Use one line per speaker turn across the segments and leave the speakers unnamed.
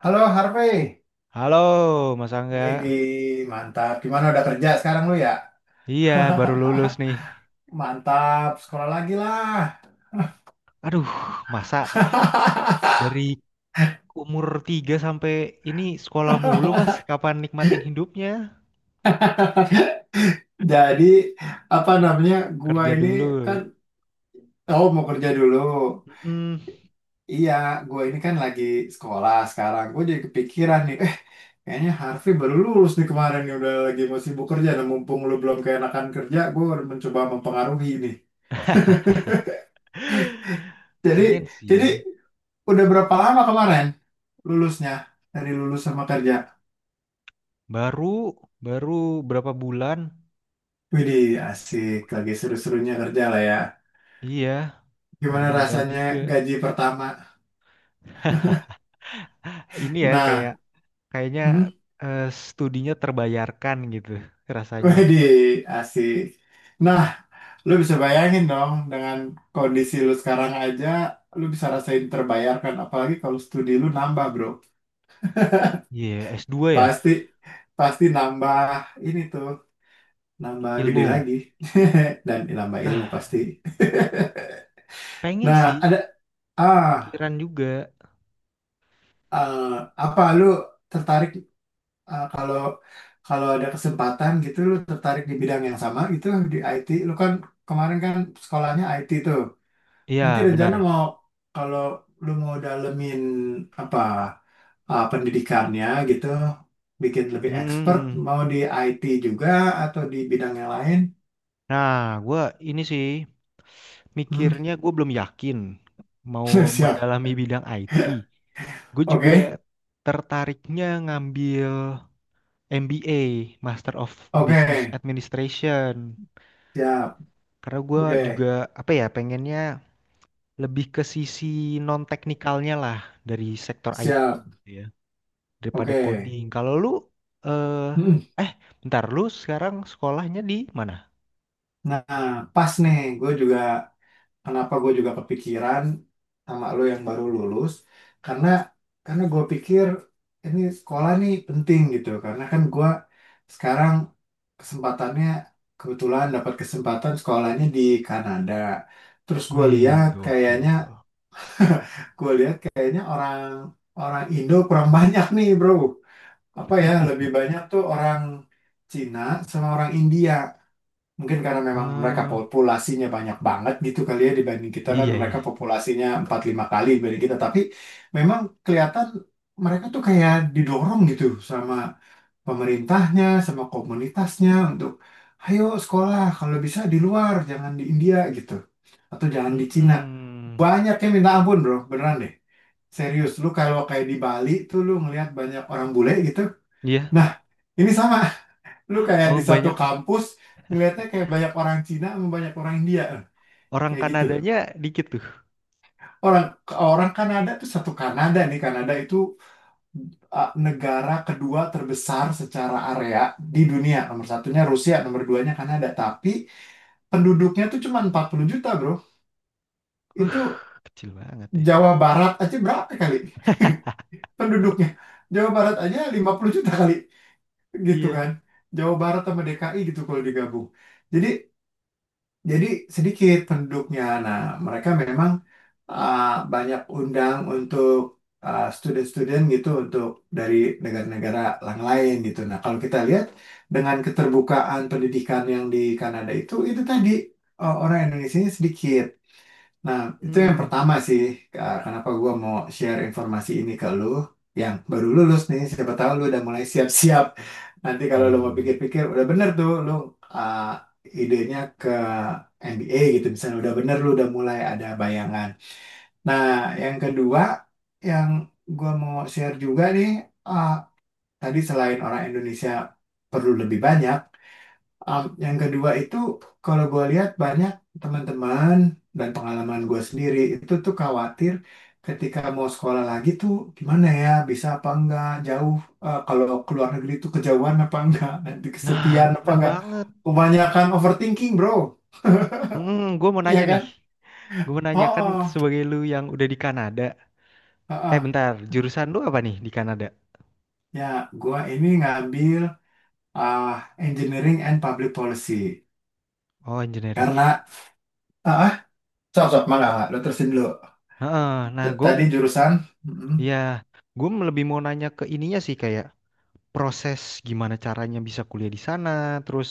Halo Harvey.
Halo, Mas Angga.
Widih, mantap. Gimana udah kerja sekarang lu ya?
Iya, baru lulus nih.
Mantap, sekolah lagi lah.
Aduh, masa dari umur 3 sampai ini sekolah mulu, Mas. Kapan nikmatin hidupnya?
Jadi apa namanya? Gua
Kerja
ini
dulu.
kan, oh, mau kerja dulu.
Mm,
Iya, gua ini kan lagi sekolah sekarang. Gua jadi kepikiran nih, kayaknya Harvey baru lulus nih kemarin nih udah lagi mau sibuk kerja dan mumpung lu belum keenakan kerja, gua udah mencoba mempengaruhi nih. Jadi
pengen
jadi
sih.
udah berapa lama kemarin lulusnya, dari lulus sama kerja?
Baru, baru berapa bulan?
Widih, asik. Lagi seru-serunya kerja lah ya.
Iya, baru
Gimana
mulai
rasanya
juga.
gaji pertama?
Ini ya
Nah,
kayak kayaknya
hmm?
eh, studinya terbayarkan gitu rasanya.
Widih, asik. Nah, lu bisa bayangin dong dengan kondisi lu sekarang aja, lu bisa rasain terbayarkan. Apalagi kalau studi lu nambah, bro.
Iya, s dua ya,
Pasti, pasti nambah ini tuh, nambah gede
ilmu.
lagi. Dan nambah ilmu
Nah,
pasti.
pengen sih,
Nah, ada, ah
kepikiran juga.
eh, apa lu tertarik, kalau kalau ada kesempatan gitu lu tertarik di bidang yang sama gitu di IT? Lu kan kemarin kan sekolahnya IT tuh.
Iya,
Nanti rencana
benar.
mau, kalau lu mau dalemin apa, pendidikannya gitu bikin lebih
Mm,
expert,
mm.
mau di IT juga atau di bidang yang lain?
Nah, gue ini sih
Hmm.
mikirnya gue belum yakin mau
Siap.
mendalami bidang IT. Gue juga
Oke,
tertariknya ngambil MBA, Master of
oke.
Business Administration.
Siap.
Karena gue
Oke.
juga apa ya pengennya lebih ke sisi non teknikalnya lah dari sektor IT
Siap.
gitu ya daripada
Oke.
coding. Kalau lu eh
Hmm.
eh bentar, lu sekarang sekolahnya di mana?
Nah, pas nih, gue juga kenapa gue juga kepikiran sama lo yang baru lulus, karena gue pikir ini sekolah nih penting gitu karena kan gue sekarang kesempatannya kebetulan dapat kesempatan sekolahnya di Kanada. Terus gue
Wih,
lihat kayaknya,
gokil.
gue lihat kayaknya orang orang Indo kurang banyak nih bro, apa ya lebih banyak tuh orang Cina sama orang India. Mungkin karena memang mereka
Ah,
populasinya banyak banget gitu kali ya, dibanding kita kan
iya iya.
mereka populasinya 4-5 kali dibanding kita. Tapi memang kelihatan mereka tuh kayak didorong gitu sama pemerintahnya, sama komunitasnya untuk ayo sekolah kalau bisa di luar, jangan di India gitu. Atau jangan di Cina.
Hmm,
Banyak yang minta ampun bro, beneran deh. Serius, lu kalau kayak di Bali tuh lu ngelihat banyak orang bule gitu.
iya.
Nah, ini sama. Lu kayak
Oh,
di satu
banyak
kampus ngeliatnya kayak banyak orang Cina sama banyak orang India
orang
kayak gitu.
Kanadanya dikit tuh.
Orang orang Kanada tuh, satu Kanada nih, Kanada itu negara kedua terbesar secara area di dunia. Nomor satunya Rusia, nomor duanya Kanada. Tapi penduduknya tuh cuma 40 juta, bro.
Uh,
Itu
kecil banget ya.
Jawa Barat aja berapa kali penduduknya? Jawa Barat aja 50 juta kali gitu kan.
Iya.
Jawa Barat sama DKI gitu kalau digabung. Jadi Jadi sedikit penduduknya. Nah, mereka memang uh, banyak undang untuk student-student gitu, untuk dari negara-negara yang lain gitu. Nah, kalau kita lihat dengan keterbukaan pendidikan yang di Kanada itu tadi orang Indonesia sedikit. Nah, itu yang
Hmm.
pertama sih, Kak, kenapa gua mau share informasi ini ke lu yang baru lulus nih, siapa tahu lu udah mulai siap-siap. Nanti kalau
Iya
lu
iya,
mau
iya.
pikir-pikir, udah bener tuh lu, uh, idenya ke MBA gitu, misalnya udah bener lu udah mulai ada bayangan. Nah, yang kedua yang gua mau share juga nih, uh, tadi selain orang Indonesia perlu lebih banyak, yang kedua itu, kalau gue lihat banyak teman-teman dan pengalaman gue sendiri itu tuh khawatir ketika mau sekolah lagi tuh gimana ya, bisa apa enggak jauh, kalau ke luar negeri tuh kejauhan apa enggak, nanti
Nah,
kesepian apa
bener
enggak,
banget.
kebanyakan overthinking bro,
Hmm, gue mau
iya
nanya nih.
kan?
Gue mau nanya
Oh,
kan
oh,
sebagai lu yang udah di Kanada.
oh,
Eh,
oh.
bentar. Jurusan lu apa nih di Kanada?
Ya, gue ini ngambil, ah, engineering and public policy,
Oh, engineering.
karena, ah ah, sok sok mangga mangga, lo terusin dulu.
Heeh. Nah, gue,
Tadi jurusan, mm
ya, gue lebih mau nanya ke ininya sih kayak proses gimana caranya bisa kuliah di sana, terus.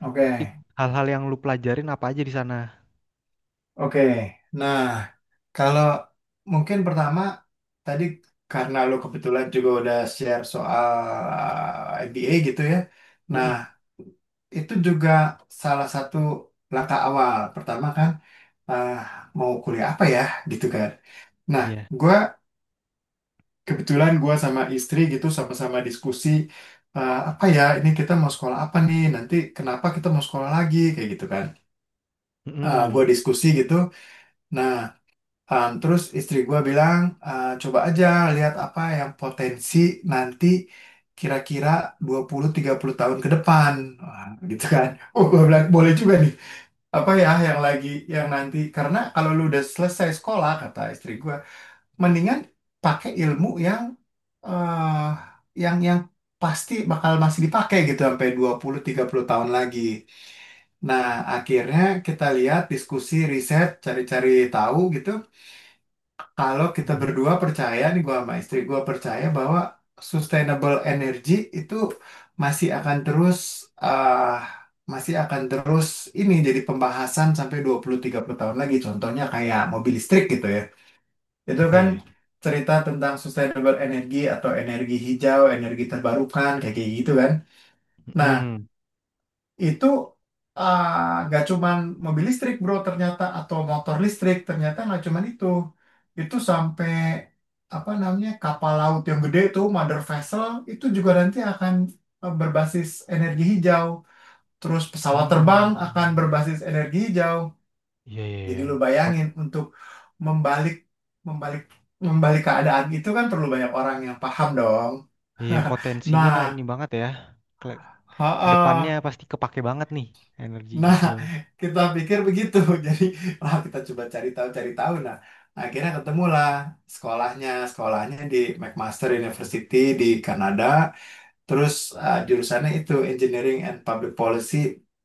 oke.
It- hal-hal yang lu pelajarin apa aja di sana?
Oke, nah kalau mungkin pertama tadi karena lo kebetulan juga udah share soal MBA gitu ya. Nah,
Mm-mm.
itu juga salah satu langkah awal. Pertama kan, ah, mau kuliah apa ya gitu kan. Nah,
Iya.
gua kebetulan gua sama istri gitu sama-sama diskusi, apa ya, ini kita mau sekolah apa nih, nanti kenapa kita mau sekolah lagi kayak gitu kan. Ah, gua
Mm-mm.
diskusi gitu. Nah, terus istri gue bilang, "Ah, coba aja lihat apa yang potensi nanti kira-kira 20-30 tahun ke depan." Wah, gitu kan. Oh, gue bilang, boleh juga nih. Apa ya yang lagi, yang nanti. Karena kalau lu udah selesai sekolah, kata istri gue, mendingan pakai ilmu eh yang pasti bakal masih dipakai gitu sampai 20-30 tahun lagi. Nah, akhirnya kita lihat, diskusi, riset, cari-cari tahu gitu. Kalau kita
Mm-mm.
berdua percaya nih, gua sama istri gua percaya bahwa sustainable energy itu masih akan terus ah, masih akan terus ini jadi pembahasan sampai 20-30 tahun lagi. Contohnya kayak mobil listrik gitu ya. Itu
Iya
kan
ya.
cerita tentang sustainable energy atau energi hijau, energi terbarukan kayak kayak gitu kan. Nah,
Mm-mm.
itu, ah, nggak cuman mobil listrik bro ternyata, atau motor listrik ternyata nggak cuman itu sampai apa namanya, kapal laut yang gede itu, mother vessel, itu juga nanti akan berbasis energi hijau, terus pesawat terbang akan
Hmm.
berbasis energi hijau.
Iya iya, iya.
Jadi lu
Pot
bayangin, untuk membalik membalik membalik keadaan itu kan perlu banyak orang yang paham dong.
iya potensinya
nah
ini banget ya. Kele- Kedepannya
ha
pasti kepake banget nih energi
Nah,
hijau.
kita pikir begitu. Jadi, wah kita coba cari tahu, cari tahu. Nah, akhirnya ketemulah sekolahnya. Sekolahnya di McMaster University di Kanada. Terus jurusannya itu Engineering and Public Policy,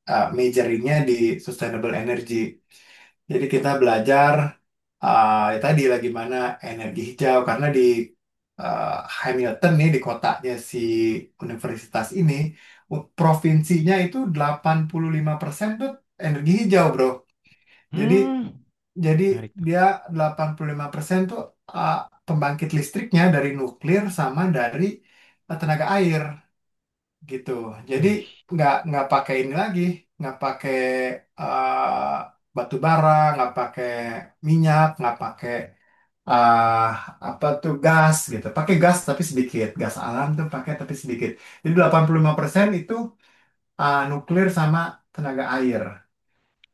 majoringnya di Sustainable Energy. Jadi kita belajar, ya tadi lah gimana energi hijau, karena di eh, Hamilton nih, di kotanya si universitas ini, provinsinya itu 85% tuh energi hijau, Bro. Jadi
Hmm.
jadi
Menarik tuh.
dia 85% tuh, eh, pembangkit listriknya dari nuklir sama dari tenaga air gitu. Jadi
Wih.
nggak pakai ini lagi, nggak pakai batu bara, nggak pakai minyak, nggak pakai eh, apa tuh, gas gitu. Pakai gas tapi sedikit, gas alam tuh pakai tapi sedikit. Jadi 85% itu nuklir sama tenaga air.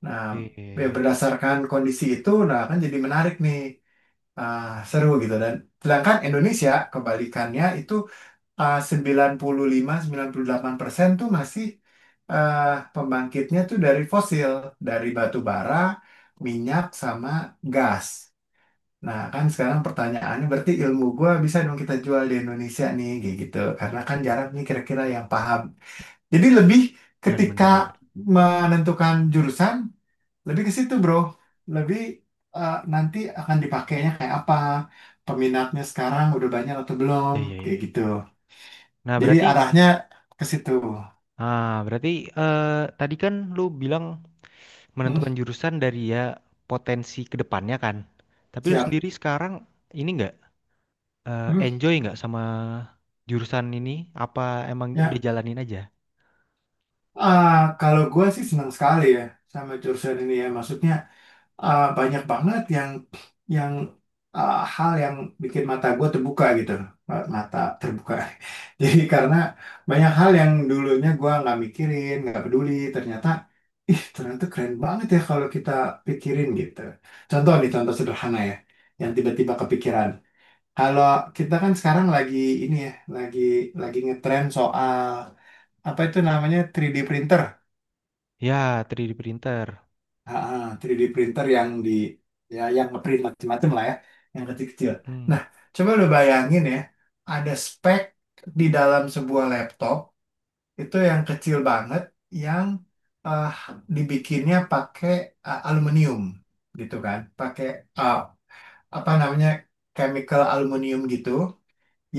Nah,
Iya, iya,
ya
iya.
berdasarkan kondisi itu, nah kan jadi menarik nih, eh, seru gitu. Dan sedangkan Indonesia kebalikannya itu 95-98% tuh masih eh, pembangkitnya tuh dari fosil, dari batu bara, minyak sama gas. Nah, kan sekarang pertanyaannya, berarti ilmu gua bisa dong kita jual di Indonesia nih kayak gitu. Karena kan jarang nih kira-kira yang paham. Jadi lebih
Benar
ketika
benar benar.
menentukan jurusan, lebih ke situ, Bro. Lebih, nanti akan dipakainya kayak apa? Peminatnya sekarang udah banyak atau belum?
Iya iya
Kayak
iya.
gitu.
Nah
Jadi
berarti
arahnya ke situ.
ah berarti eh, tadi kan lu bilang
Hmm,
menentukan jurusan dari ya potensi kedepannya kan. Tapi lu
siap.
sendiri sekarang ini nggak eh,
Hmm,
enjoy nggak sama jurusan ini? Apa emang udah
ya.
jalanin aja?
Ah, kalau gue sih senang sekali ya sama jurusan ini ya. Maksudnya, banyak banget yang hal yang bikin mata gue terbuka gitu. Mata terbuka. Jadi karena banyak hal yang dulunya gue nggak mikirin, nggak peduli. Ternyata, ih, ternyata keren banget ya kalau kita pikirin gitu. Contoh nih, contoh sederhana ya. Yang tiba-tiba kepikiran. Kalau kita kan sekarang lagi ini ya, lagi ngetren soal apa itu namanya, 3D printer.
Ya, 3D printer.
3D printer yang di, ya yang ngeprint macam-macam lah ya, yang kecil-kecil.
Mm-mm.
Nah, coba lu bayangin ya, ada spek di dalam sebuah laptop itu yang kecil banget, yang eh, dibikinnya pakai aluminium gitu kan, pakai eh, apa namanya, chemical aluminium gitu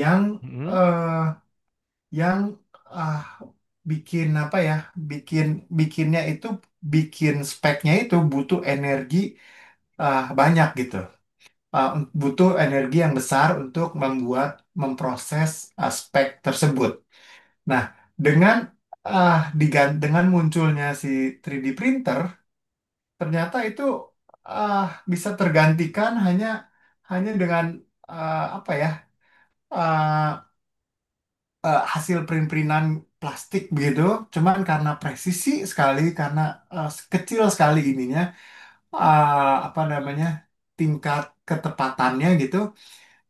yang
Mm-mm.
eh, yang ah, bikin apa ya, bikin bikinnya itu, bikin speknya itu butuh energi, banyak gitu. Ah, butuh energi yang besar untuk membuat, memproses spek tersebut. Nah, dengan dengan munculnya si 3D printer, ternyata itu ah, bisa tergantikan hanya hanya dengan, apa ya, ah, hasil print-printan plastik begitu, cuman karena presisi sekali, karena eh, kecil sekali ininya, apa namanya, tingkat ketepatannya gitu,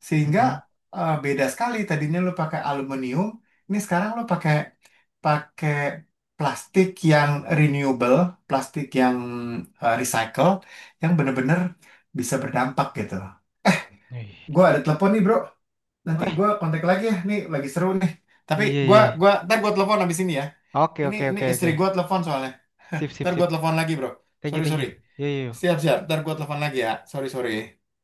sehingga
Mm-mm.
beda sekali. Tadinya lo pakai aluminium, ini sekarang lo pakai pakai plastik yang renewable, plastik yang recycle, yang bener-bener bisa berdampak gitu. Gue
Eh,
ada telepon nih bro,
oh,
nanti
eh,
gue kontak lagi ya, nih lagi seru nih. Tapi
iya,
gue
iya.
gua ntar gue telepon abis ini ya.
Oke,
Ini
oke,
ini
oke, oke.
istri gue telepon soalnya.
Sip, sip,
Ntar gue
sip.
telepon lagi bro.
Thank you,
Sorry,
thank
sorry.
you. Yo, yo, yo.
Siap, siap. Ntar gue telepon lagi ya. Sorry, sorry.